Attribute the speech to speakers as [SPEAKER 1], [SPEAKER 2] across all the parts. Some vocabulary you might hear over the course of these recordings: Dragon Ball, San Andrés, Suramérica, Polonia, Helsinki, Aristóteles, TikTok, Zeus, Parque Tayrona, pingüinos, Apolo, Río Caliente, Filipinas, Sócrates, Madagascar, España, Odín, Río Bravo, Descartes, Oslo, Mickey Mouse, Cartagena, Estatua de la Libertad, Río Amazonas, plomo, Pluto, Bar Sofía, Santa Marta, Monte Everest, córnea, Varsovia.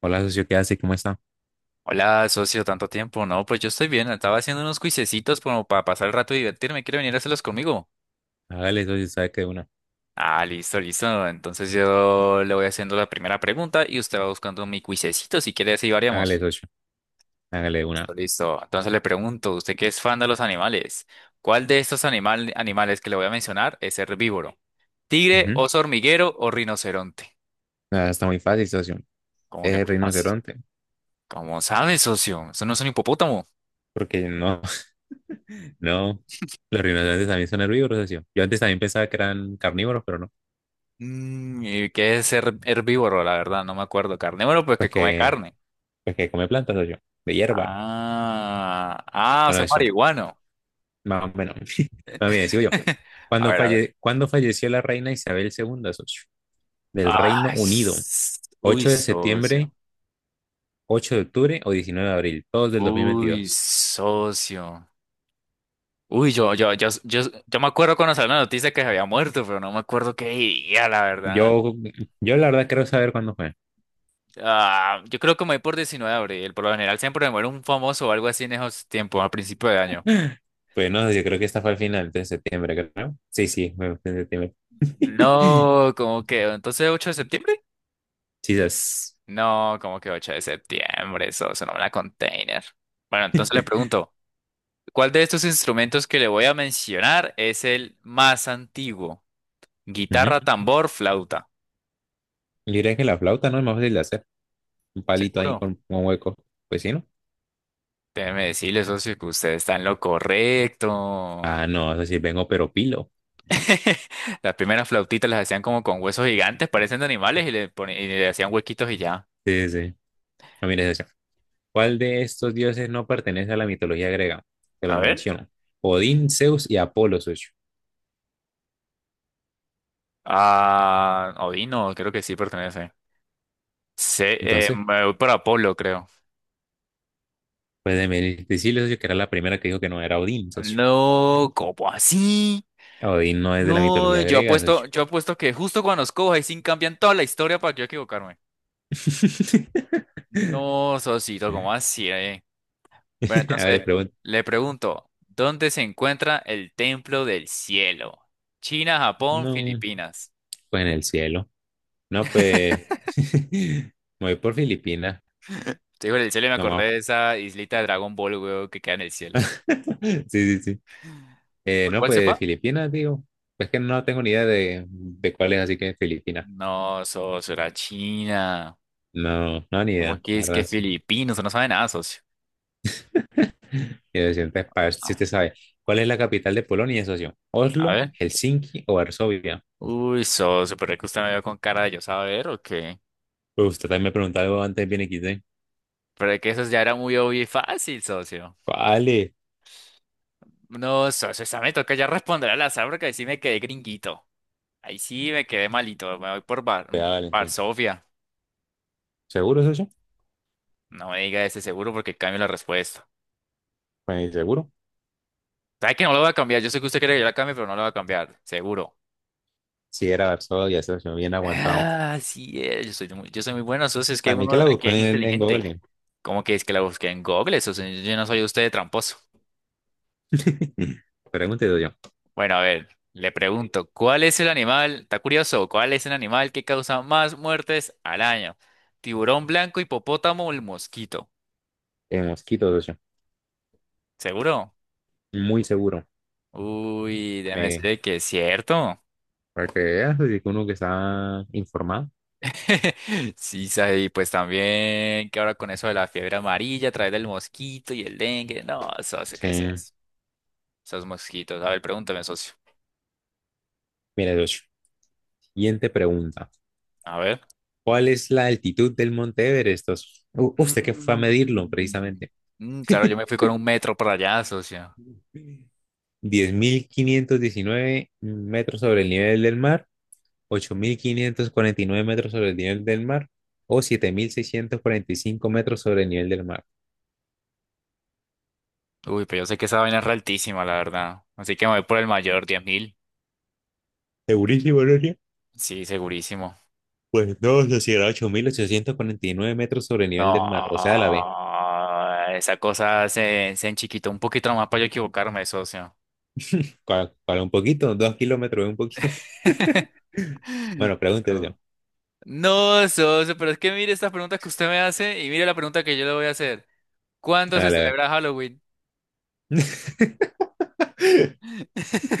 [SPEAKER 1] Hola, socio, ¿qué hace? ¿Cómo está?
[SPEAKER 2] Hola, socio, tanto tiempo. No, pues yo estoy bien. Estaba haciendo unos cuisecitos como para pasar el rato y divertirme. ¿Quiere venir a hacerlos conmigo?
[SPEAKER 1] Hágale, socio, sabe que de una.
[SPEAKER 2] Ah, listo, listo. Entonces yo le voy haciendo la primera pregunta y usted va buscando mi cuisecito. Si quiere, así
[SPEAKER 1] Hágale,
[SPEAKER 2] variamos.
[SPEAKER 1] socio, hágale de una.
[SPEAKER 2] Listo, listo. Entonces le pregunto, usted que es fan de los animales, ¿cuál de estos animales que le voy a mencionar es herbívoro? ¿Tigre,
[SPEAKER 1] Ujú.
[SPEAKER 2] oso hormiguero o rinoceronte?
[SPEAKER 1] Nada, está muy fácil, socio.
[SPEAKER 2] ¿Cómo
[SPEAKER 1] Es
[SPEAKER 2] que
[SPEAKER 1] el
[SPEAKER 2] más fácil?
[SPEAKER 1] rinoceronte.
[SPEAKER 2] Como sabe, socio? Eso no es un hipopótamo.
[SPEAKER 1] Porque no, no. Los rinocerontes también son herbívoros, socio. Yo antes también pensaba que eran carnívoros, pero no.
[SPEAKER 2] Mm, ¿y qué es ser herbívoro? La verdad, no me acuerdo. Carnívoro, pues
[SPEAKER 1] Pues
[SPEAKER 2] que come
[SPEAKER 1] que,
[SPEAKER 2] carne.
[SPEAKER 1] pues que come plantas, socio. De hierba.
[SPEAKER 2] Ah, ah, o
[SPEAKER 1] Bueno,
[SPEAKER 2] sea, es
[SPEAKER 1] socio,
[SPEAKER 2] marihuano.
[SPEAKER 1] más o menos. Más bien, sigo yo.
[SPEAKER 2] A ver, a ver.
[SPEAKER 1] ¿Cuándo falleció la reina Isabel II, socio? Del Reino
[SPEAKER 2] Ay,
[SPEAKER 1] Unido.
[SPEAKER 2] uy,
[SPEAKER 1] ¿8 de
[SPEAKER 2] socio.
[SPEAKER 1] septiembre, 8 de octubre o 19 de abril? Todos del
[SPEAKER 2] Uy,
[SPEAKER 1] 2022.
[SPEAKER 2] socio. Uy, yo me acuerdo cuando salió la noticia que se había muerto, pero no me acuerdo qué día, la verdad.
[SPEAKER 1] Yo, yo la verdad quiero saber cuándo fue.
[SPEAKER 2] Ah, yo creo que me voy por 19 de abril. Por lo general siempre me muere un famoso o algo así en esos tiempos, a principio de año.
[SPEAKER 1] Pues no, yo creo que esta fue al final de septiembre, creo. Sí, sí, fue en septiembre.
[SPEAKER 2] No, como que, entonces 8 de septiembre.
[SPEAKER 1] Quizás.
[SPEAKER 2] No, como que 8 de septiembre, eso suena una container. Bueno, entonces le pregunto, ¿cuál de estos instrumentos que le voy a mencionar es el más antiguo?
[SPEAKER 1] Ujú.
[SPEAKER 2] Guitarra, tambor, flauta.
[SPEAKER 1] Yo diría que la flauta no es más fácil de hacer. Un palito ahí
[SPEAKER 2] ¿Seguro?
[SPEAKER 1] con un hueco. Pues sí, ¿no?
[SPEAKER 2] Déjeme decirle, socio, que usted está en lo correcto.
[SPEAKER 1] Ah, no, es decir, vengo pero pilo.
[SPEAKER 2] Las primeras flautitas las hacían como con huesos gigantes, parecen de animales, y le, y le hacían huequitos y ya.
[SPEAKER 1] Sí, sí, sí. Ah, mira esa. ¿Cuál de estos dioses no pertenece a la mitología griega? Te
[SPEAKER 2] A
[SPEAKER 1] los
[SPEAKER 2] ver.
[SPEAKER 1] menciono. Odín, Zeus y Apolo, socio.
[SPEAKER 2] Ah, Odino, creo que sí pertenece.
[SPEAKER 1] Entonces,
[SPEAKER 2] Me voy por Apolo, creo.
[SPEAKER 1] pues de decirle, socio, que era la primera que dijo que no era Odín, socio.
[SPEAKER 2] No, ¿cómo así?
[SPEAKER 1] Odín no es de la
[SPEAKER 2] No,
[SPEAKER 1] mitología griega, socio.
[SPEAKER 2] yo apuesto que justo cuando nos coja y sin cambian toda la historia para que yo equivocarme. No, Sosito, ¿cómo así, eh? Bueno,
[SPEAKER 1] A ver, le
[SPEAKER 2] entonces,
[SPEAKER 1] pregunto.
[SPEAKER 2] le pregunto, ¿dónde se encuentra el Templo del Cielo? China, Japón,
[SPEAKER 1] No,
[SPEAKER 2] Filipinas.
[SPEAKER 1] pues en el cielo. No, pues, me voy por Filipinas.
[SPEAKER 2] Te digo, el cielo y me
[SPEAKER 1] No
[SPEAKER 2] acordé
[SPEAKER 1] más.
[SPEAKER 2] de esa islita de Dragon Ball, weón, que queda en el cielo.
[SPEAKER 1] Sí, sí, sí.
[SPEAKER 2] ¿Por
[SPEAKER 1] No,
[SPEAKER 2] cuál se fue?
[SPEAKER 1] pues Filipinas, digo. Pues que no tengo ni idea de cuál es, así que Filipinas.
[SPEAKER 2] No, socio, era China.
[SPEAKER 1] No, no, ni
[SPEAKER 2] ¿Cómo
[SPEAKER 1] idea.
[SPEAKER 2] que
[SPEAKER 1] La
[SPEAKER 2] es que
[SPEAKER 1] verdad, sí.
[SPEAKER 2] Filipinos? No sabe nada, socio.
[SPEAKER 1] Y de siempre, para ver si
[SPEAKER 2] Ah,
[SPEAKER 1] usted sabe. ¿Cuál es la capital de Polonia, socio?
[SPEAKER 2] a
[SPEAKER 1] ¿Oslo,
[SPEAKER 2] ver.
[SPEAKER 1] Helsinki o Varsovia?
[SPEAKER 2] Uy, socio, pero es que usted me vio con cara de yo saber o qué.
[SPEAKER 1] Pues usted también me preguntó algo antes bien XD.
[SPEAKER 2] Pero es que eso ya era muy obvio y fácil, socio.
[SPEAKER 1] Vale,
[SPEAKER 2] No, socio, esa me toca ya responder al azar porque ahí sí me quedé gringuito. Ahí sí me quedé malito. Me voy por Bar,
[SPEAKER 1] pues vale,
[SPEAKER 2] Bar
[SPEAKER 1] entonces.
[SPEAKER 2] Sofía.
[SPEAKER 1] ¿Seguro, socio?
[SPEAKER 2] No me diga ese seguro porque cambio la respuesta.
[SPEAKER 1] Pues seguro.
[SPEAKER 2] ¿Sabe que no lo voy a cambiar? Yo sé que usted quiere que yo la cambie, pero no la voy a cambiar. Seguro.
[SPEAKER 1] Sí, era Varsovia, ya se me bien aguantado.
[SPEAKER 2] Ah, sí es. Yo soy muy bueno, socio. Es que
[SPEAKER 1] Para mí que
[SPEAKER 2] uno
[SPEAKER 1] la
[SPEAKER 2] que
[SPEAKER 1] busco
[SPEAKER 2] es
[SPEAKER 1] en
[SPEAKER 2] inteligente.
[SPEAKER 1] Google.
[SPEAKER 2] ¿Cómo que es que la busqué en Google, socio? Yo no soy usted de tramposo.
[SPEAKER 1] Pregunte, yo.
[SPEAKER 2] Bueno, a ver, le pregunto, ¿cuál es el animal? Está curioso, ¿cuál es el animal que causa más muertes al año? ¿Tiburón blanco, hipopótamo o el mosquito?
[SPEAKER 1] En mosquito, yo.
[SPEAKER 2] ¿Seguro?
[SPEAKER 1] Muy seguro.
[SPEAKER 2] Uy, déjame
[SPEAKER 1] Me,
[SPEAKER 2] decirle que es cierto.
[SPEAKER 1] para que veas, así que uno que está informado.
[SPEAKER 2] Sí, sabe, y pues también que ahora con eso de la fiebre amarilla a través del mosquito y el dengue. No, socio, ¿qué
[SPEAKER 1] Sí.
[SPEAKER 2] es eso? Esos mosquitos. A ver, pregúntame, socio.
[SPEAKER 1] Mira, Docho. Siguiente pregunta.
[SPEAKER 2] A ver.
[SPEAKER 1] ¿Cuál es la altitud del Monte Everest, socio? Usted que fue a medirlo,
[SPEAKER 2] Mm,
[SPEAKER 1] precisamente.
[SPEAKER 2] claro, yo me fui con un metro para allá, socio.
[SPEAKER 1] 10.519 metros sobre el nivel del mar, 8.549 metros sobre el nivel del mar o 7.645 metros sobre el nivel del mar.
[SPEAKER 2] Uy, pero yo sé que esa vaina es re altísima, la verdad. Así que me voy por el mayor, 10.000.
[SPEAKER 1] Segurísimo, Noria.
[SPEAKER 2] Sí, segurísimo.
[SPEAKER 1] Pues no, sociedad 8.849 metros sobre el
[SPEAKER 2] No,
[SPEAKER 1] nivel del mar. O sea, a la vez.
[SPEAKER 2] esa cosa se enchiquitó un poquito nomás para yo equivocarme, socio.
[SPEAKER 1] Para un poquito, 2 kilómetros, un poquito. Bueno, pregúntese.
[SPEAKER 2] No, no, socio, pero es que mire estas preguntas que usted me hace y mire la pregunta que yo le voy a hacer. ¿Cuándo
[SPEAKER 1] A
[SPEAKER 2] se
[SPEAKER 1] la
[SPEAKER 2] celebra Halloween?
[SPEAKER 1] vez.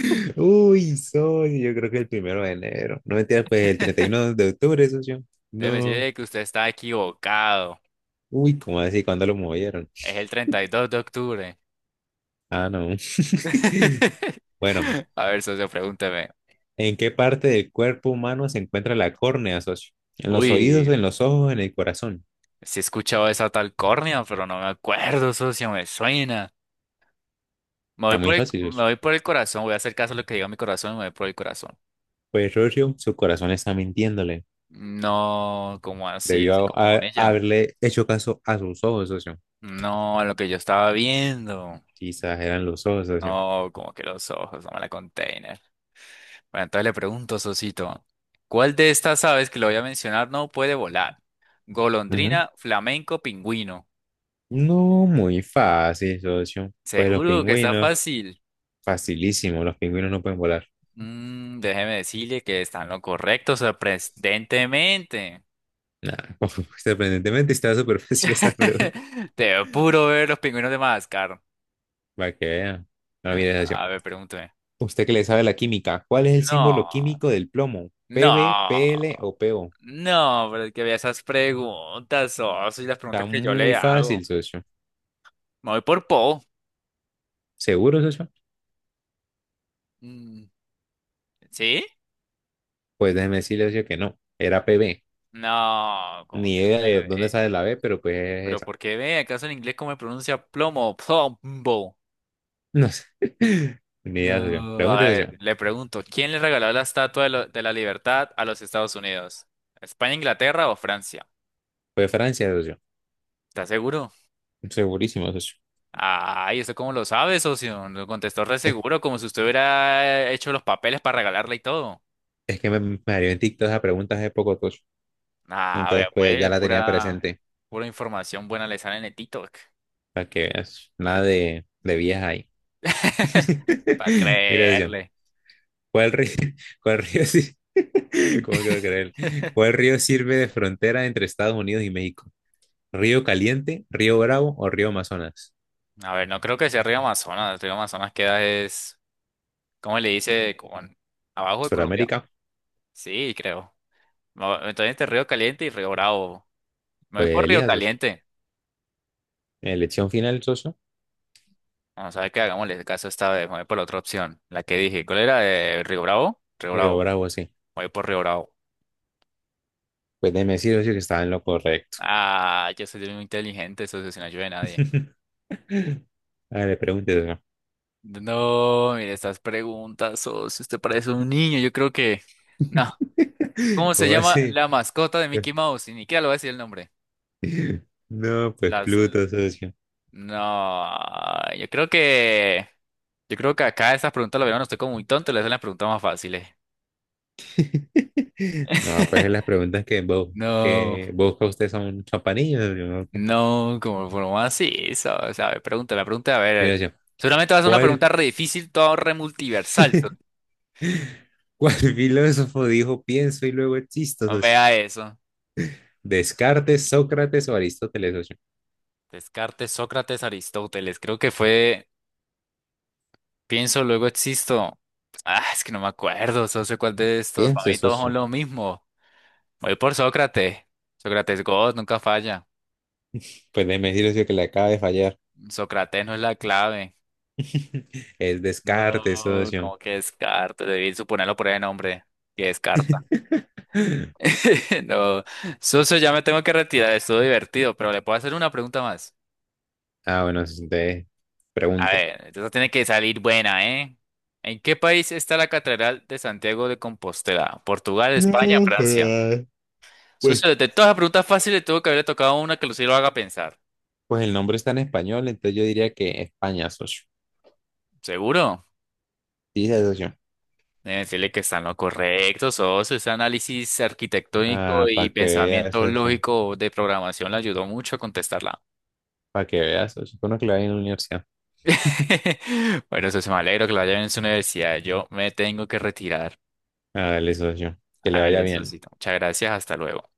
[SPEAKER 1] Yo creo que el 1 de enero. No mentira, pues el 31 de octubre, socio.
[SPEAKER 2] Déjeme
[SPEAKER 1] No.
[SPEAKER 2] decirle que usted está equivocado.
[SPEAKER 1] Uy, ¿cómo así? ¿Cuándo lo movieron?
[SPEAKER 2] Es el 32 de octubre.
[SPEAKER 1] Ah, no. Bueno,
[SPEAKER 2] A ver, socio, pregúnteme.
[SPEAKER 1] ¿en qué parte del cuerpo humano se encuentra la córnea, socio? ¿En los oídos,
[SPEAKER 2] Uy.
[SPEAKER 1] en los ojos, en el corazón?
[SPEAKER 2] Sí he escuchado esa tal córnea, pero no me acuerdo, socio, me suena.
[SPEAKER 1] Está muy fácil,
[SPEAKER 2] Me
[SPEAKER 1] socio.
[SPEAKER 2] voy por el corazón, voy a hacer caso a lo que diga mi corazón y me voy por el corazón.
[SPEAKER 1] Pues, socio, su corazón está mintiéndole.
[SPEAKER 2] No, como así, así
[SPEAKER 1] Debió
[SPEAKER 2] como con ella.
[SPEAKER 1] haberle hecho caso a sus ojos, socio.
[SPEAKER 2] No, lo que yo estaba viendo.
[SPEAKER 1] Quizás eran los ojos, socio.
[SPEAKER 2] No, como que los ojos, no me la container. Bueno, entonces le pregunto, Sosito, ¿cuál de estas aves que le voy a mencionar no puede volar?
[SPEAKER 1] Ujú.
[SPEAKER 2] Golondrina, flamenco, pingüino.
[SPEAKER 1] No, muy fácil, socio. Pues los
[SPEAKER 2] Seguro que está
[SPEAKER 1] pingüinos,
[SPEAKER 2] fácil.
[SPEAKER 1] facilísimo. Los pingüinos no pueden volar.
[SPEAKER 2] Mm, déjeme decirle que está en lo correcto, sorprendentemente.
[SPEAKER 1] Nada, sorprendentemente estaba súper fácil esa pregunta.
[SPEAKER 2] Te puro ver los pingüinos de Madagascar.
[SPEAKER 1] Para que vean. No, mire, socio.
[SPEAKER 2] A ver, pregúnteme.
[SPEAKER 1] Usted que le sabe la química, ¿cuál es el símbolo
[SPEAKER 2] No,
[SPEAKER 1] químico del plomo? ¿PB,
[SPEAKER 2] no,
[SPEAKER 1] PL o PO?
[SPEAKER 2] no, pero es que vea esas preguntas, oh, y las
[SPEAKER 1] Está
[SPEAKER 2] preguntas que yo le
[SPEAKER 1] muy
[SPEAKER 2] hago.
[SPEAKER 1] fácil, socio.
[SPEAKER 2] Me voy por Po.
[SPEAKER 1] ¿Seguro, socio?
[SPEAKER 2] Mm, ¿sí?
[SPEAKER 1] Pues déjeme decirle, socio, que no. Era PB.
[SPEAKER 2] No, como
[SPEAKER 1] Ni
[SPEAKER 2] que...
[SPEAKER 1] idea de
[SPEAKER 2] eh,
[SPEAKER 1] dónde sale
[SPEAKER 2] eh,
[SPEAKER 1] la B, pero pues
[SPEAKER 2] pero ¿por qué ve? ¿Acaso en inglés cómo me pronuncia plomo? Plombo.
[SPEAKER 1] no sé. Ni idea, socio.
[SPEAKER 2] No,
[SPEAKER 1] Pregunta,
[SPEAKER 2] a ver,
[SPEAKER 1] socio.
[SPEAKER 2] le pregunto, ¿quién le regaló la Estatua de la Libertad a los Estados Unidos? ¿España, Inglaterra o Francia?
[SPEAKER 1] Fue de Francia, socio.
[SPEAKER 2] ¿Estás seguro?
[SPEAKER 1] Segurísimo, socio.
[SPEAKER 2] Ay, ¿eso cómo lo sabe, socio? Lo contestó re
[SPEAKER 1] Es,
[SPEAKER 2] seguro, como si usted hubiera hecho los papeles para regalarla y todo.
[SPEAKER 1] es que me salió en TikTok esa pregunta hace poco, socio.
[SPEAKER 2] Ah, a ver,
[SPEAKER 1] Entonces, pues ya
[SPEAKER 2] pues,
[SPEAKER 1] la tenía presente.
[SPEAKER 2] pura información buena le sale en el TikTok.
[SPEAKER 1] Para que veas. Nada de viejas ahí.
[SPEAKER 2] Para
[SPEAKER 1] Mira, socio.
[SPEAKER 2] creerle.
[SPEAKER 1] ¿Cuál río, ¿Cuál río sí? ¿Cómo que va a creer? ¿Cuál río sirve de frontera entre Estados Unidos y México? ¿Río Caliente, Río Bravo o Río Amazonas?
[SPEAKER 2] A ver, no creo que sea Río Amazonas. Río Amazonas queda es, ¿cómo le dice? Como abajo de Colombia.
[SPEAKER 1] ¿Suramérica?
[SPEAKER 2] Sí, creo. No, entonces entre Río Caliente y Río Bravo. Me voy
[SPEAKER 1] Pues
[SPEAKER 2] por Río
[SPEAKER 1] elija, socio.
[SPEAKER 2] Caliente.
[SPEAKER 1] Elección final, socio.
[SPEAKER 2] Vamos a ver qué hagámosle el caso esta vez. Me voy por la otra opción. La que dije. ¿Cuál era? Río Bravo. Río
[SPEAKER 1] Río
[SPEAKER 2] Bravo.
[SPEAKER 1] Bravo, sí.
[SPEAKER 2] Me voy por Río Bravo.
[SPEAKER 1] Pues déjeme decir que estaba en lo correcto.
[SPEAKER 2] Ah, yo soy muy inteligente, socio, sin ayuda de nadie.
[SPEAKER 1] A ver, pregúntese.
[SPEAKER 2] No, mire estas preguntas, socio. Usted parece un niño. Yo creo que. No. ¿Cómo se
[SPEAKER 1] ¿Cómo
[SPEAKER 2] llama
[SPEAKER 1] así?
[SPEAKER 2] la mascota de Mickey Mouse? Y ni siquiera le voy a decir el nombre.
[SPEAKER 1] No, pues
[SPEAKER 2] Las.
[SPEAKER 1] Pluto, socio.
[SPEAKER 2] No. Yo creo que. Yo creo que acá esas preguntas la vieron. Estoy como muy tonto. Le hacen las preguntas más fáciles.
[SPEAKER 1] No, pues las preguntas que vos,
[SPEAKER 2] No,
[SPEAKER 1] que busca usted son chapanillas, ¿no? Ok.
[SPEAKER 2] no, como por más eso, o sea, a ver, pregúntame, pregúntame, a
[SPEAKER 1] Mira,
[SPEAKER 2] ver.
[SPEAKER 1] yo,
[SPEAKER 2] Seguramente vas a ser una pregunta
[SPEAKER 1] ¿cuál,
[SPEAKER 2] re difícil, todo re multiversal.
[SPEAKER 1] ¿Cuál filósofo dijo pienso y luego existo,
[SPEAKER 2] No,
[SPEAKER 1] socio?
[SPEAKER 2] vea eso.
[SPEAKER 1] ¿Descartes, Sócrates o Aristóteles, socio?
[SPEAKER 2] Descartes, Sócrates, Aristóteles, creo que fue, pienso, luego existo. Ah, es que no me acuerdo, no sé cuál de estos, para
[SPEAKER 1] Piense,
[SPEAKER 2] mí todos son
[SPEAKER 1] socio.
[SPEAKER 2] lo mismo. Voy por Sócrates. Sócrates God, nunca falla.
[SPEAKER 1] Pues déjeme decir, socio, que le acaba de fallar.
[SPEAKER 2] Sócrates no es la clave.
[SPEAKER 1] Es
[SPEAKER 2] No,
[SPEAKER 1] Descartes, socio.
[SPEAKER 2] como que Descartes, debí suponerlo por el nombre. Que Descartes. No, Soso, ya me tengo que retirar, estuvo divertido, pero le puedo hacer una pregunta más.
[SPEAKER 1] Ah, bueno, entonces
[SPEAKER 2] A
[SPEAKER 1] pregunte.
[SPEAKER 2] ver, esta tiene que salir buena, ¿eh? ¿En qué país está la Catedral de Santiago de Compostela? ¿Portugal,
[SPEAKER 1] No,
[SPEAKER 2] España, Francia?
[SPEAKER 1] joder. pues
[SPEAKER 2] Soso, de todas las preguntas fáciles tuvo que haberle tocado una que sí lo haga pensar.
[SPEAKER 1] Pues el nombre está en español, entonces yo diría que España, socio.
[SPEAKER 2] ¿Seguro?
[SPEAKER 1] Dice socio.
[SPEAKER 2] Deben decirle que están lo correcto, Soso. Ese análisis arquitectónico
[SPEAKER 1] Ah,
[SPEAKER 2] y
[SPEAKER 1] para que vea,
[SPEAKER 2] pensamiento
[SPEAKER 1] socio.
[SPEAKER 2] lógico de programación le ayudó mucho a contestarla.
[SPEAKER 1] Para que vea, socio. Uno que le vaya en la universidad.
[SPEAKER 2] Bueno, Soso, me alegro que lo haya en su universidad. Yo me tengo que retirar.
[SPEAKER 1] Ah, dale, socio. Que le vaya
[SPEAKER 2] Hágale,
[SPEAKER 1] bien.
[SPEAKER 2] Sosito. Muchas gracias. Hasta luego.